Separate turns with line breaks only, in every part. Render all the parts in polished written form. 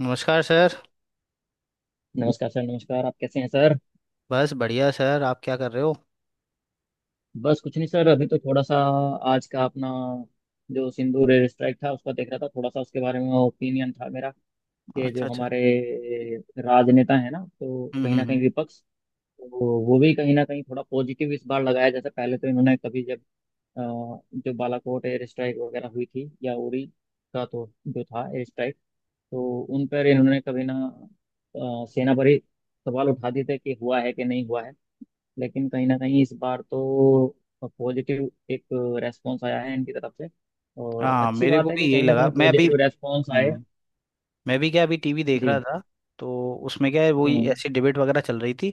नमस्कार सर।
नमस्कार सर। नमस्कार, आप कैसे हैं सर?
बस बढ़िया सर, आप क्या कर रहे हो?
बस कुछ नहीं सर, अभी तो थोड़ा सा आज का अपना जो सिंधु रेल स्ट्राइक था उसका देख रहा था। थोड़ा सा उसके बारे में ओपिनियन था मेरा कि
अच्छा
जो
अच्छा।
हमारे राजनेता है ना, तो
हम्म
कहीं
हम्म
ना कहीं
हम्म।
विपक्ष तो वो भी कहीं ना कहीं थोड़ा पॉजिटिव इस बार लगाया। जैसे पहले तो इन्होंने कभी जब जो बालाकोट एयर स्ट्राइक वगैरह हुई थी या उरी का, तो जो था एयर स्ट्राइक, तो उन पर इन्होंने कभी ना सेना पर ही सवाल उठा दिए थे कि हुआ है कि नहीं हुआ है। लेकिन कहीं ना कहीं इस बार तो पॉजिटिव एक रेस्पॉन्स आया है इनकी तरफ से। और
हाँ
अच्छी
मेरे
बात
को
है
भी
कि
यही
कहीं ना
लगा।
कहीं
मैं अभी
पॉजिटिव रेस्पॉन्स आए।
हम्म, मैं भी क्या अभी टीवी देख रहा
जी।
था। तो उसमें क्या है, वही
हम्म।
ऐसी डिबेट वगैरह चल रही थी।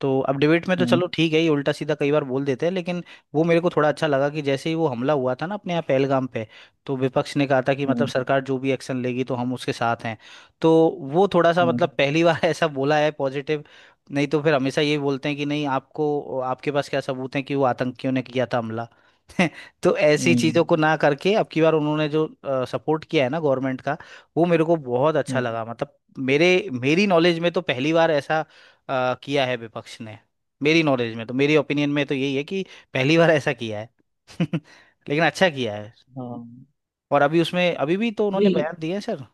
तो अब डिबेट में तो
हम्म।
चलो ठीक है, ये उल्टा सीधा कई बार बोल देते हैं, लेकिन वो मेरे को थोड़ा अच्छा लगा कि जैसे ही वो हमला हुआ था ना अपने यहाँ पहलगाम पे, तो विपक्ष ने कहा था कि मतलब
हम्म।
सरकार जो भी एक्शन लेगी तो हम उसके साथ हैं। तो वो थोड़ा सा
हम्म।
मतलब पहली बार ऐसा बोला है पॉजिटिव। नहीं तो फिर हमेशा ये बोलते हैं कि नहीं आपको, आपके पास क्या सबूत है कि वो आतंकियों ने किया था हमला। तो ऐसी
हम्म।
चीज़ों को ना करके अब की बार उन्होंने जो सपोर्ट किया है ना गवर्नमेंट का, वो मेरे को बहुत अच्छा
हम्म,
लगा। मतलब मेरे, मेरी नॉलेज में तो पहली बार ऐसा किया है विपक्ष ने। मेरी नॉलेज में तो मेरी ओपिनियन में तो यही है कि पहली बार ऐसा किया है। लेकिन अच्छा किया है।
हाँ
और अभी उसमें अभी भी तो उन्होंने
जी।
बयान दिए हैं सर।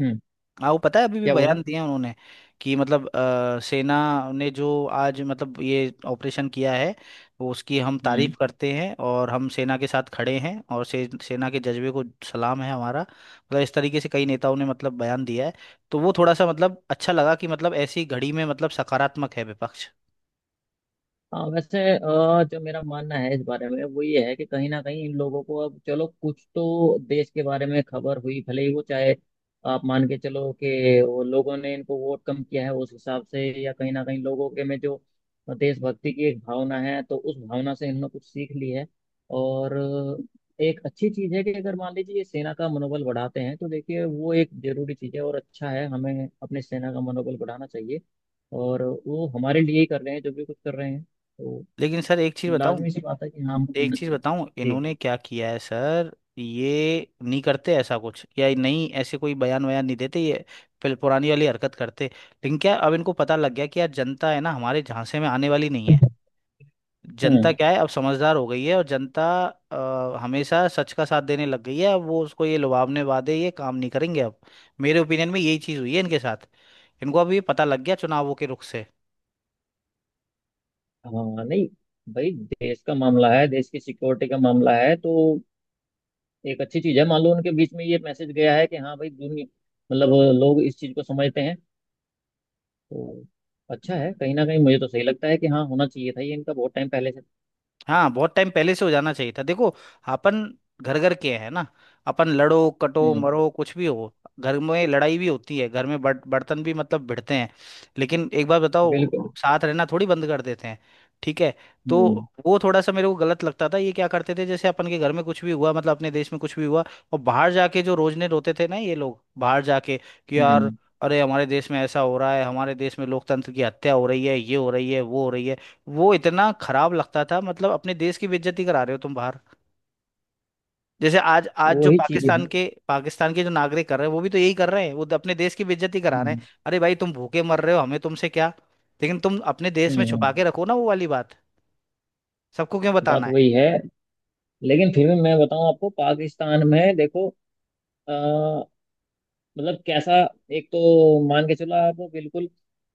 हम्म।
हाँ वो पता है अभी भी
क्या बोला?
बयान दिए हैं उन्होंने कि मतलब सेना ने जो आज मतलब ये ऑपरेशन किया है वो उसकी हम
हम्म।
तारीफ करते हैं और हम सेना के साथ खड़े हैं और सेना के जज्बे को सलाम है हमारा। मतलब इस तरीके से कई नेताओं ने मतलब बयान दिया है। तो वो थोड़ा सा मतलब अच्छा लगा कि मतलब ऐसी घड़ी में मतलब सकारात्मक है विपक्ष।
हाँ वैसे जो मेरा मानना है इस बारे में वो ये है कि कहीं ना कहीं इन लोगों को अब चलो कुछ तो देश के बारे में खबर हुई, भले ही वो चाहे आप मान के चलो कि वो लोगों ने इनको वोट कम किया है उस हिसाब से, या कहीं ना कहीं लोगों के में जो देशभक्ति की एक भावना है, तो उस भावना से इन्होंने कुछ सीख ली है। और एक अच्छी चीज है कि अगर मान लीजिए ये सेना का मनोबल बढ़ाते हैं, तो देखिए वो एक जरूरी चीज है, और अच्छा है, हमें अपने सेना का मनोबल बढ़ाना चाहिए। और वो हमारे लिए ही कर रहे हैं, जो भी कुछ कर रहे हैं। तो
लेकिन सर एक चीज़ बताऊं,
लाजमी सी बात है कि हाँ हमको
एक
करना
चीज
चाहिए।
बताऊं
जी।
इन्होंने क्या किया है सर। ये नहीं करते ऐसा कुछ, या नहीं ऐसे कोई बयान वयान नहीं देते ये, फिर पुरानी वाली हरकत करते। लेकिन क्या अब इनको पता लग गया कि यार जनता है ना हमारे झांसे में आने वाली नहीं है। जनता
हम्म।
क्या है अब समझदार हो गई है, और जनता हमेशा सच का साथ देने लग गई है। अब वो उसको ये लुभावने वादे ये काम नहीं करेंगे अब। मेरे ओपिनियन में यही चीज हुई है इनके साथ। इनको अब ये पता लग गया चुनावों के रुख से।
हाँ नहीं, भाई देश का मामला है, देश की सिक्योरिटी का मामला है, तो एक अच्छी चीज है। मान लो उनके बीच में ये मैसेज गया है कि हाँ भाई दुनिया, मतलब लोग इस चीज को समझते हैं, तो अच्छा है। कहीं ना कहीं मुझे तो सही लगता है कि हाँ, होना चाहिए था ये इनका बहुत टाइम पहले से।
हाँ बहुत टाइम पहले से हो जाना चाहिए था। देखो अपन घर घर के हैं ना। अपन लड़ो कटो
हम्म।
मरो कुछ भी हो, घर में लड़ाई भी होती है, घर में बर्तन भी मतलब भिड़ते हैं। लेकिन एक बार बताओ,
बिल्कुल।
साथ रहना थोड़ी बंद कर देते हैं। ठीक है। तो
हम्म।
वो थोड़ा सा मेरे को गलत लगता था, ये क्या करते थे जैसे अपन के घर में कुछ भी हुआ मतलब अपने देश में कुछ भी हुआ और बाहर जाके जो रोजने रोते थे ना ये लोग बाहर जाके कि यार,
हम्म।
अरे हमारे देश में ऐसा हो रहा है, हमारे देश में लोकतंत्र की हत्या हो रही है, ये हो रही है वो हो रही है। वो इतना खराब लगता था, मतलब अपने देश की बेइज्जती करा रहे हो तुम बाहर। जैसे आज आज जो
वही चीज है।
पाकिस्तान के जो नागरिक कर रहे हैं वो भी तो यही कर रहे हैं, वो तो अपने देश की बेइज्जती करा रहे
हम्म।
हैं। अरे भाई तुम भूखे मर रहे हो, हमें तुमसे क्या। लेकिन तुम अपने देश में
हम्म।
छुपा के रखो ना वो वाली बात, सबको क्यों बताना
बात
है?
वही है। लेकिन फिर भी मैं बताऊं आपको, पाकिस्तान में देखो, मतलब कैसा, एक तो मान के चलो आप बिल्कुल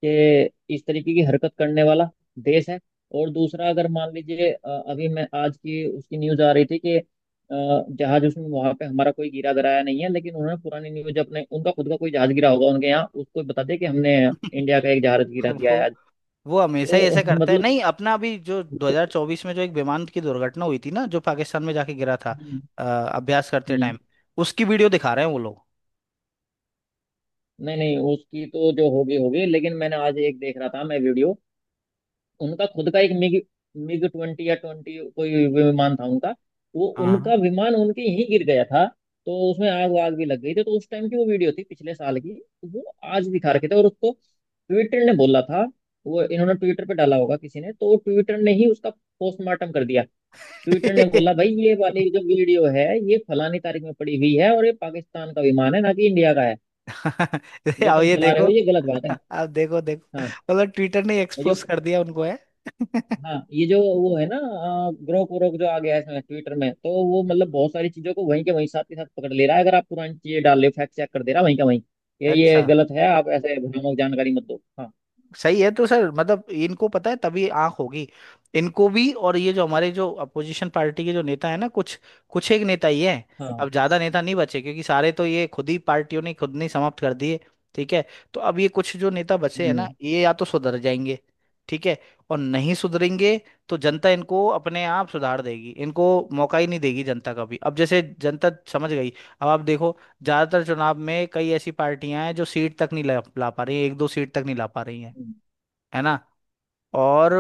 कि इस तरीके की हरकत करने वाला देश है। और दूसरा, अगर मान लीजिए अभी मैं आज की उसकी न्यूज आ रही थी कि जहाज उसमें वहां पे हमारा कोई गिरा गिराया नहीं है, लेकिन उन्होंने पुरानी न्यूज, अपने उनका खुद का कोई जहाज गिरा होगा उनके यहाँ, उसको बता दिया कि हमने इंडिया का एक जहाज गिरा दिया है
वो
आज।
वो हमेशा ही ऐसा
तो
करता है।
मतलब।
नहीं अपना अभी जो 2024 में जो एक विमान की दुर्घटना हुई थी ना जो पाकिस्तान में जाके गिरा था
हम्म।
अभ्यास करते
हम्म।
टाइम, उसकी वीडियो दिखा रहे हैं वो लोग।
नहीं नहीं, उसकी तो जो होगी होगी, लेकिन मैंने आज एक देख रहा था मैं वीडियो। उनका खुद का एक मिग मिग 20 या 20 कोई विमान था उनका। वो
हाँ
उनका विमान उनके यहीं गिर गया था। तो उसमें आग वाग भी लग गई थी। तो उस टाइम की वो वीडियो थी पिछले साल की। तो वो आज दिखा रखे थे, और उसको ट्विटर ने बोला था। वो इन्होंने ट्विटर पे डाला होगा किसी ने, तो ट्विटर ने ही उसका पोस्टमार्टम कर दिया। ट्विटर ने बोला भाई ये वाली जो वीडियो है ये फलानी तारीख में पड़ी हुई है, और ये पाकिस्तान का विमान है, ना कि इंडिया का है। जो
अब
तुम
ये
चला रहे
देखो।
हो ये गलत बात है।
अब देखो देखो
हाँ।
मतलब ट्विटर ने
जो
एक्सपोज कर दिया उनको है।
हाँ, ये जो वो है ना, ग्रोक व्रोक जो आ गया है इसमें ट्विटर में, तो वो मतलब बहुत सारी चीजों को वहीं के वहीं साथ के साथ पकड़ ले रहा है। अगर आप पुरानी चीजें डाल ले फैक्ट चेक कर दे रहा है वहीं का वहीं। ये
अच्छा
गलत है, आप ऐसे भ्रामक जानकारी मत दो। हाँ।
सही है। तो सर मतलब इनको पता है तभी आंख होगी इनको भी। और ये जो हमारे जो अपोजिशन पार्टी के जो नेता है ना, कुछ कुछ एक नेता ही है।
हाँ।
अब ज्यादा नेता नहीं बचे, क्योंकि सारे तो ये खुद ही पार्टियों ने खुद ने समाप्त कर दिए। ठीक है। तो अब ये कुछ जो नेता बचे हैं ना,
हम्म।
ये या तो सुधर जाएंगे ठीक है, और नहीं सुधरेंगे तो जनता इनको अपने आप सुधार देगी। इनको मौका ही नहीं देगी जनता कभी, अब जैसे जनता समझ गई। अब आप देखो ज्यादातर चुनाव में कई ऐसी पार्टियां हैं जो सीट तक नहीं ला पा रही हैं, एक दो सीट तक नहीं ला पा रही हैं,
हम्म,
है ना। और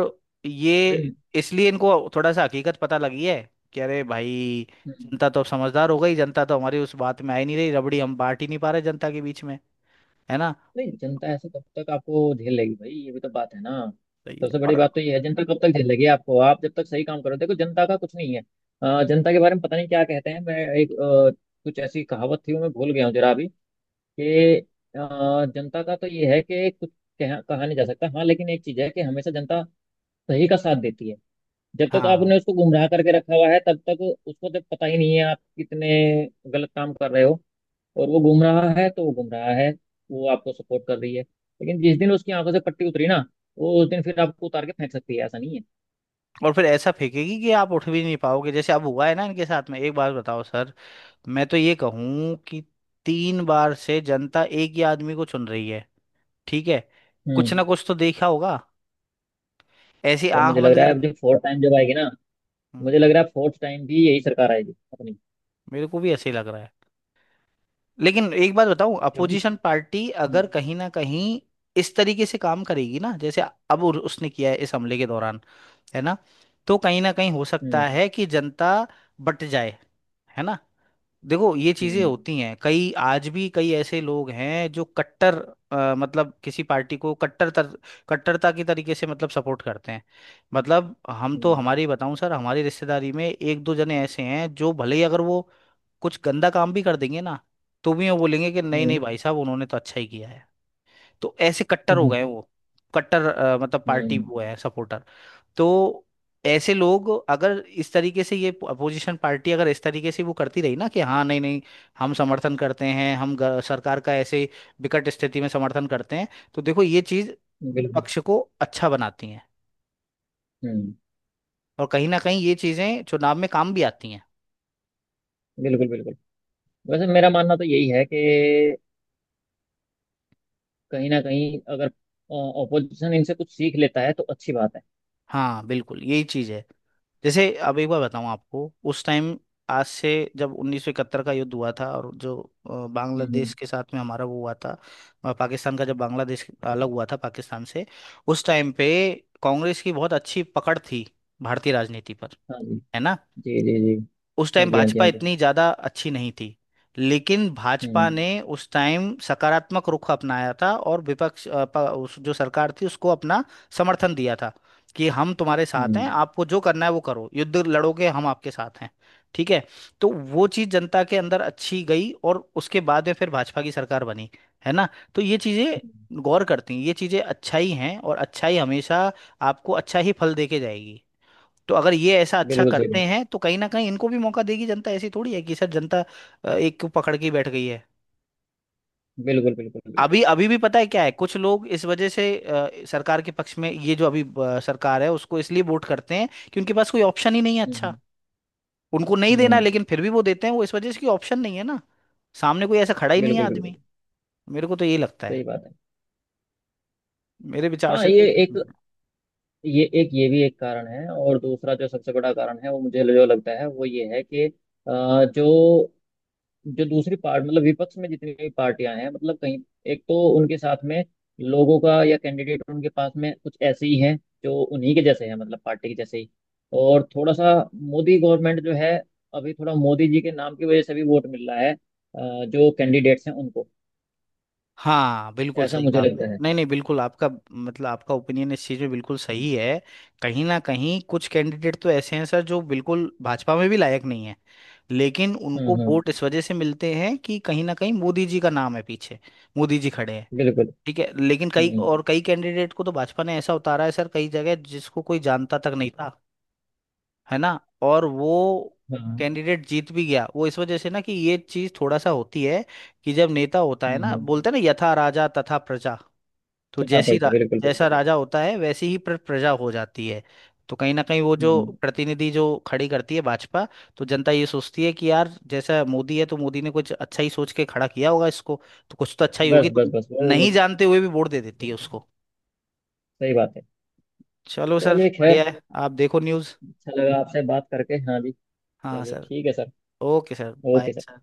ये,
भाई।
इसलिए इनको थोड़ा सा हकीकत पता लगी है कि अरे भाई
हम्म।
जनता तो अब समझदार हो गई, जनता तो हमारी उस बात में आ ही नहीं रही, रबड़ी हम बांट ही नहीं पा रहे जनता के बीच में, है ना।
नहीं जनता ऐसे कब तक आपको झेल लेगी भाई, ये भी तो बात है ना।
सही है।
सबसे
और
बड़ी बात तो ये है, जनता कब तक झेल लेगी आपको? आप जब तक सही काम करो, देखो जनता का कुछ नहीं है। जनता के बारे में पता नहीं क्या कहते हैं। मैं एक कुछ ऐसी कहावत थी वो मैं भूल गया हूँ जरा अभी कि अ, जनता का तो ये है कि कुछ कहा नहीं जा सकता। हाँ लेकिन एक चीज है कि हमेशा जनता सही का साथ देती है। जब तक
हाँ
आपने उसको गुमराह करके रखा हुआ है तब तक, उसको जब पता ही नहीं है आप कितने गलत काम कर रहे हो, और वो गुमराह है तो वो गुमराह है, वो आपको सपोर्ट कर रही है। लेकिन जिस दिन उसकी आंखों से पट्टी उतरी ना, वो उस दिन फिर आपको उतार के फेंक सकती है, ऐसा नहीं है।
और फिर ऐसा फेंकेगी कि आप उठ भी नहीं पाओगे, जैसे अब हुआ है ना इनके साथ में। एक बात बताओ सर, मैं तो ये कहूँ कि तीन बार से जनता एक ही आदमी को चुन रही है, ठीक है। कुछ
हम्म।
ना कुछ तो देखा होगा, ऐसी
सर
आंख
मुझे लग
बंद
रहा है
कर।
अब जो फोर्थ टाइम जब आएगी ना,
हम्म,
मुझे लग रहा है फोर्थ टाइम भी यही सरकार आएगी अपनी।
मेरे को भी ऐसे ही लग रहा है। लेकिन एक बात बताऊं,
क्योंकि
अपोजिशन पार्टी
हम्म।
अगर कहीं ना कहीं इस तरीके से काम करेगी ना, जैसे अब उसने किया है इस हमले के दौरान, है ना, तो कहीं ना कहीं हो
हम्म।
सकता है कि जनता बट जाए, है ना। देखो ये चीजें
हम्म।
होती हैं कई, आज भी कई ऐसे लोग हैं जो कट्टर मतलब किसी पार्टी को कट्टर कट्टरता की तरीके से मतलब सपोर्ट करते हैं। मतलब हम तो,
हम्म।
हमारी बताऊं सर, हमारी रिश्तेदारी में एक दो जने ऐसे हैं जो भले ही अगर वो कुछ गंदा काम भी कर देंगे ना तो भी वो बोलेंगे कि नहीं नहीं
हम्म।
भाई साहब उन्होंने तो अच्छा ही किया है। तो ऐसे कट्टर हो
हम्म।
गए हैं वो, कट्टर मतलब पार्टी
हम्म।
वो है सपोर्टर। तो ऐसे लोग, अगर इस तरीके से ये अपोजिशन पार्टी अगर इस तरीके से वो करती रही ना कि हाँ नहीं नहीं हम समर्थन करते हैं, हम सरकार का ऐसे विकट स्थिति में समर्थन करते हैं, तो देखो ये चीज
बिल्कुल।
पक्ष को अच्छा बनाती है।
हम्म।
और कहीं ना कहीं ये चीजें चुनाव में काम भी आती हैं।
बिल्कुल बिल्कुल। वैसे मेरा मानना तो यही है कि कहीं ना कहीं अगर ऑपोजिशन इनसे कुछ सीख लेता है, तो अच्छी बात है।
हाँ बिल्कुल यही चीज़ है। जैसे अब एक बार बताऊँ आपको, उस टाइम आज से, जब 1971 का युद्ध हुआ था और जो
हम्म।
बांग्लादेश के साथ में हमारा वो हुआ था, पाकिस्तान का जब बांग्लादेश अलग हुआ था पाकिस्तान से, उस टाइम पे कांग्रेस की बहुत अच्छी पकड़ थी भारतीय राजनीति पर,
हाँ जी।
है ना।
जी जी जी।
उस
हाँ
टाइम
जी हाँ जी
भाजपा
हाँ जी।
इतनी ज्यादा अच्छी नहीं थी, लेकिन भाजपा
हम्म।
ने उस टाइम सकारात्मक रुख अपनाया था और विपक्ष उस जो सरकार थी उसको अपना समर्थन दिया था कि हम तुम्हारे साथ हैं,
हम्म।
आपको जो करना है वो करो, युद्ध लड़ोगे हम आपके साथ हैं। ठीक है। तो वो चीज जनता के अंदर अच्छी गई और उसके बाद में फिर भाजपा की सरकार बनी, है ना। तो ये
हम्म,
चीजें गौर करती हैं, ये चीजें अच्छाई हैं, और अच्छाई हमेशा आपको अच्छा ही फल देके जाएगी। तो अगर ये ऐसा अच्छा
बिल्कुल सही
करते
बात।
हैं तो कहीं ना कहीं इनको भी मौका देगी जनता। ऐसी थोड़ी है कि सर जनता एक को पकड़ के ही बैठ गई है।
बिल्कुल बिल्कुल बिल्कुल।
अभी अभी भी पता है क्या है, कुछ लोग इस वजह से सरकार के पक्ष में, ये जो अभी सरकार है उसको इसलिए वोट करते हैं कि उनके पास कोई ऑप्शन ही नहीं है अच्छा।
हम्म।
उनको नहीं
हम्म।
देना लेकिन फिर भी वो देते हैं, वो इस वजह से कि ऑप्शन नहीं है ना, सामने कोई ऐसा खड़ा ही नहीं है
बिल्कुल बिल्कुल।
आदमी। मेरे को तो यही लगता है,
सही बात है।
मेरे विचार
हाँ
से तो।
ये भी एक कारण है। और दूसरा जो सबसे बड़ा कारण है वो मुझे जो लगता है वो ये है कि, जो जो दूसरी पार्ट, मतलब विपक्ष में जितनी भी पार्टियां हैं, मतलब कहीं एक तो उनके साथ में लोगों का या कैंडिडेट उनके पास में कुछ ऐसे ही हैं जो उन्हीं के जैसे हैं, मतलब पार्टी के जैसे ही। और थोड़ा सा मोदी गवर्नमेंट जो है, अभी थोड़ा मोदी जी के नाम की वजह से भी वोट मिल रहा है जो कैंडिडेट्स हैं उनको।
हाँ बिल्कुल
ऐसा
सही कहा
मुझे
आपने,
लगता है।
नहीं नहीं बिल्कुल आपका मतलब आपका ओपिनियन इस चीज़ में बिल्कुल सही है। कहीं ना कहीं कुछ कैंडिडेट तो ऐसे हैं सर जो बिल्कुल भाजपा में भी लायक नहीं है, लेकिन
हम्म।
उनको
हम्म।
वोट इस वजह से मिलते हैं कि कहीं ना कहीं मोदी जी का नाम है पीछे, मोदी जी खड़े हैं।
बिल्कुल।
ठीक है। लेकिन कई
हम्म।
और कई कैंडिडेट को तो भाजपा ने ऐसा उतारा है सर कई जगह जिसको कोई जानता तक नहीं था, है ना। और वो
हाँ।
कैंडिडेट जीत भी गया, वो इस वजह से ना कि ये चीज थोड़ा सा होती है कि जब नेता होता है
हम्म।
ना,
हम्म।
बोलते हैं ना यथा राजा तथा प्रजा। तो
चौथा पर्चा। बिल्कुल
जैसा
बिल्कुल।
राजा होता है वैसी ही प्रजा हो जाती है। तो कहीं ना कहीं वो
बिल्कुल।
जो
हम्म।
प्रतिनिधि जो खड़ी करती है भाजपा, तो जनता ये सोचती है कि यार जैसा मोदी है तो मोदी ने कुछ अच्छा ही सोच के खड़ा किया होगा इसको, तो कुछ तो अच्छा ही
बस
होगी।
बस
तो
बस
नहीं जानते हुए भी वोट दे देती है उसको।
सही बात है।
चलो सर
चलिए
बढ़िया
खैर,
है, आप देखो न्यूज़।
अच्छा लगा आपसे बात करके। हाँ जी।
हाँ
चलिए
सर।
ठीक है sir.
Okay sir bye
okay sir.
Sir.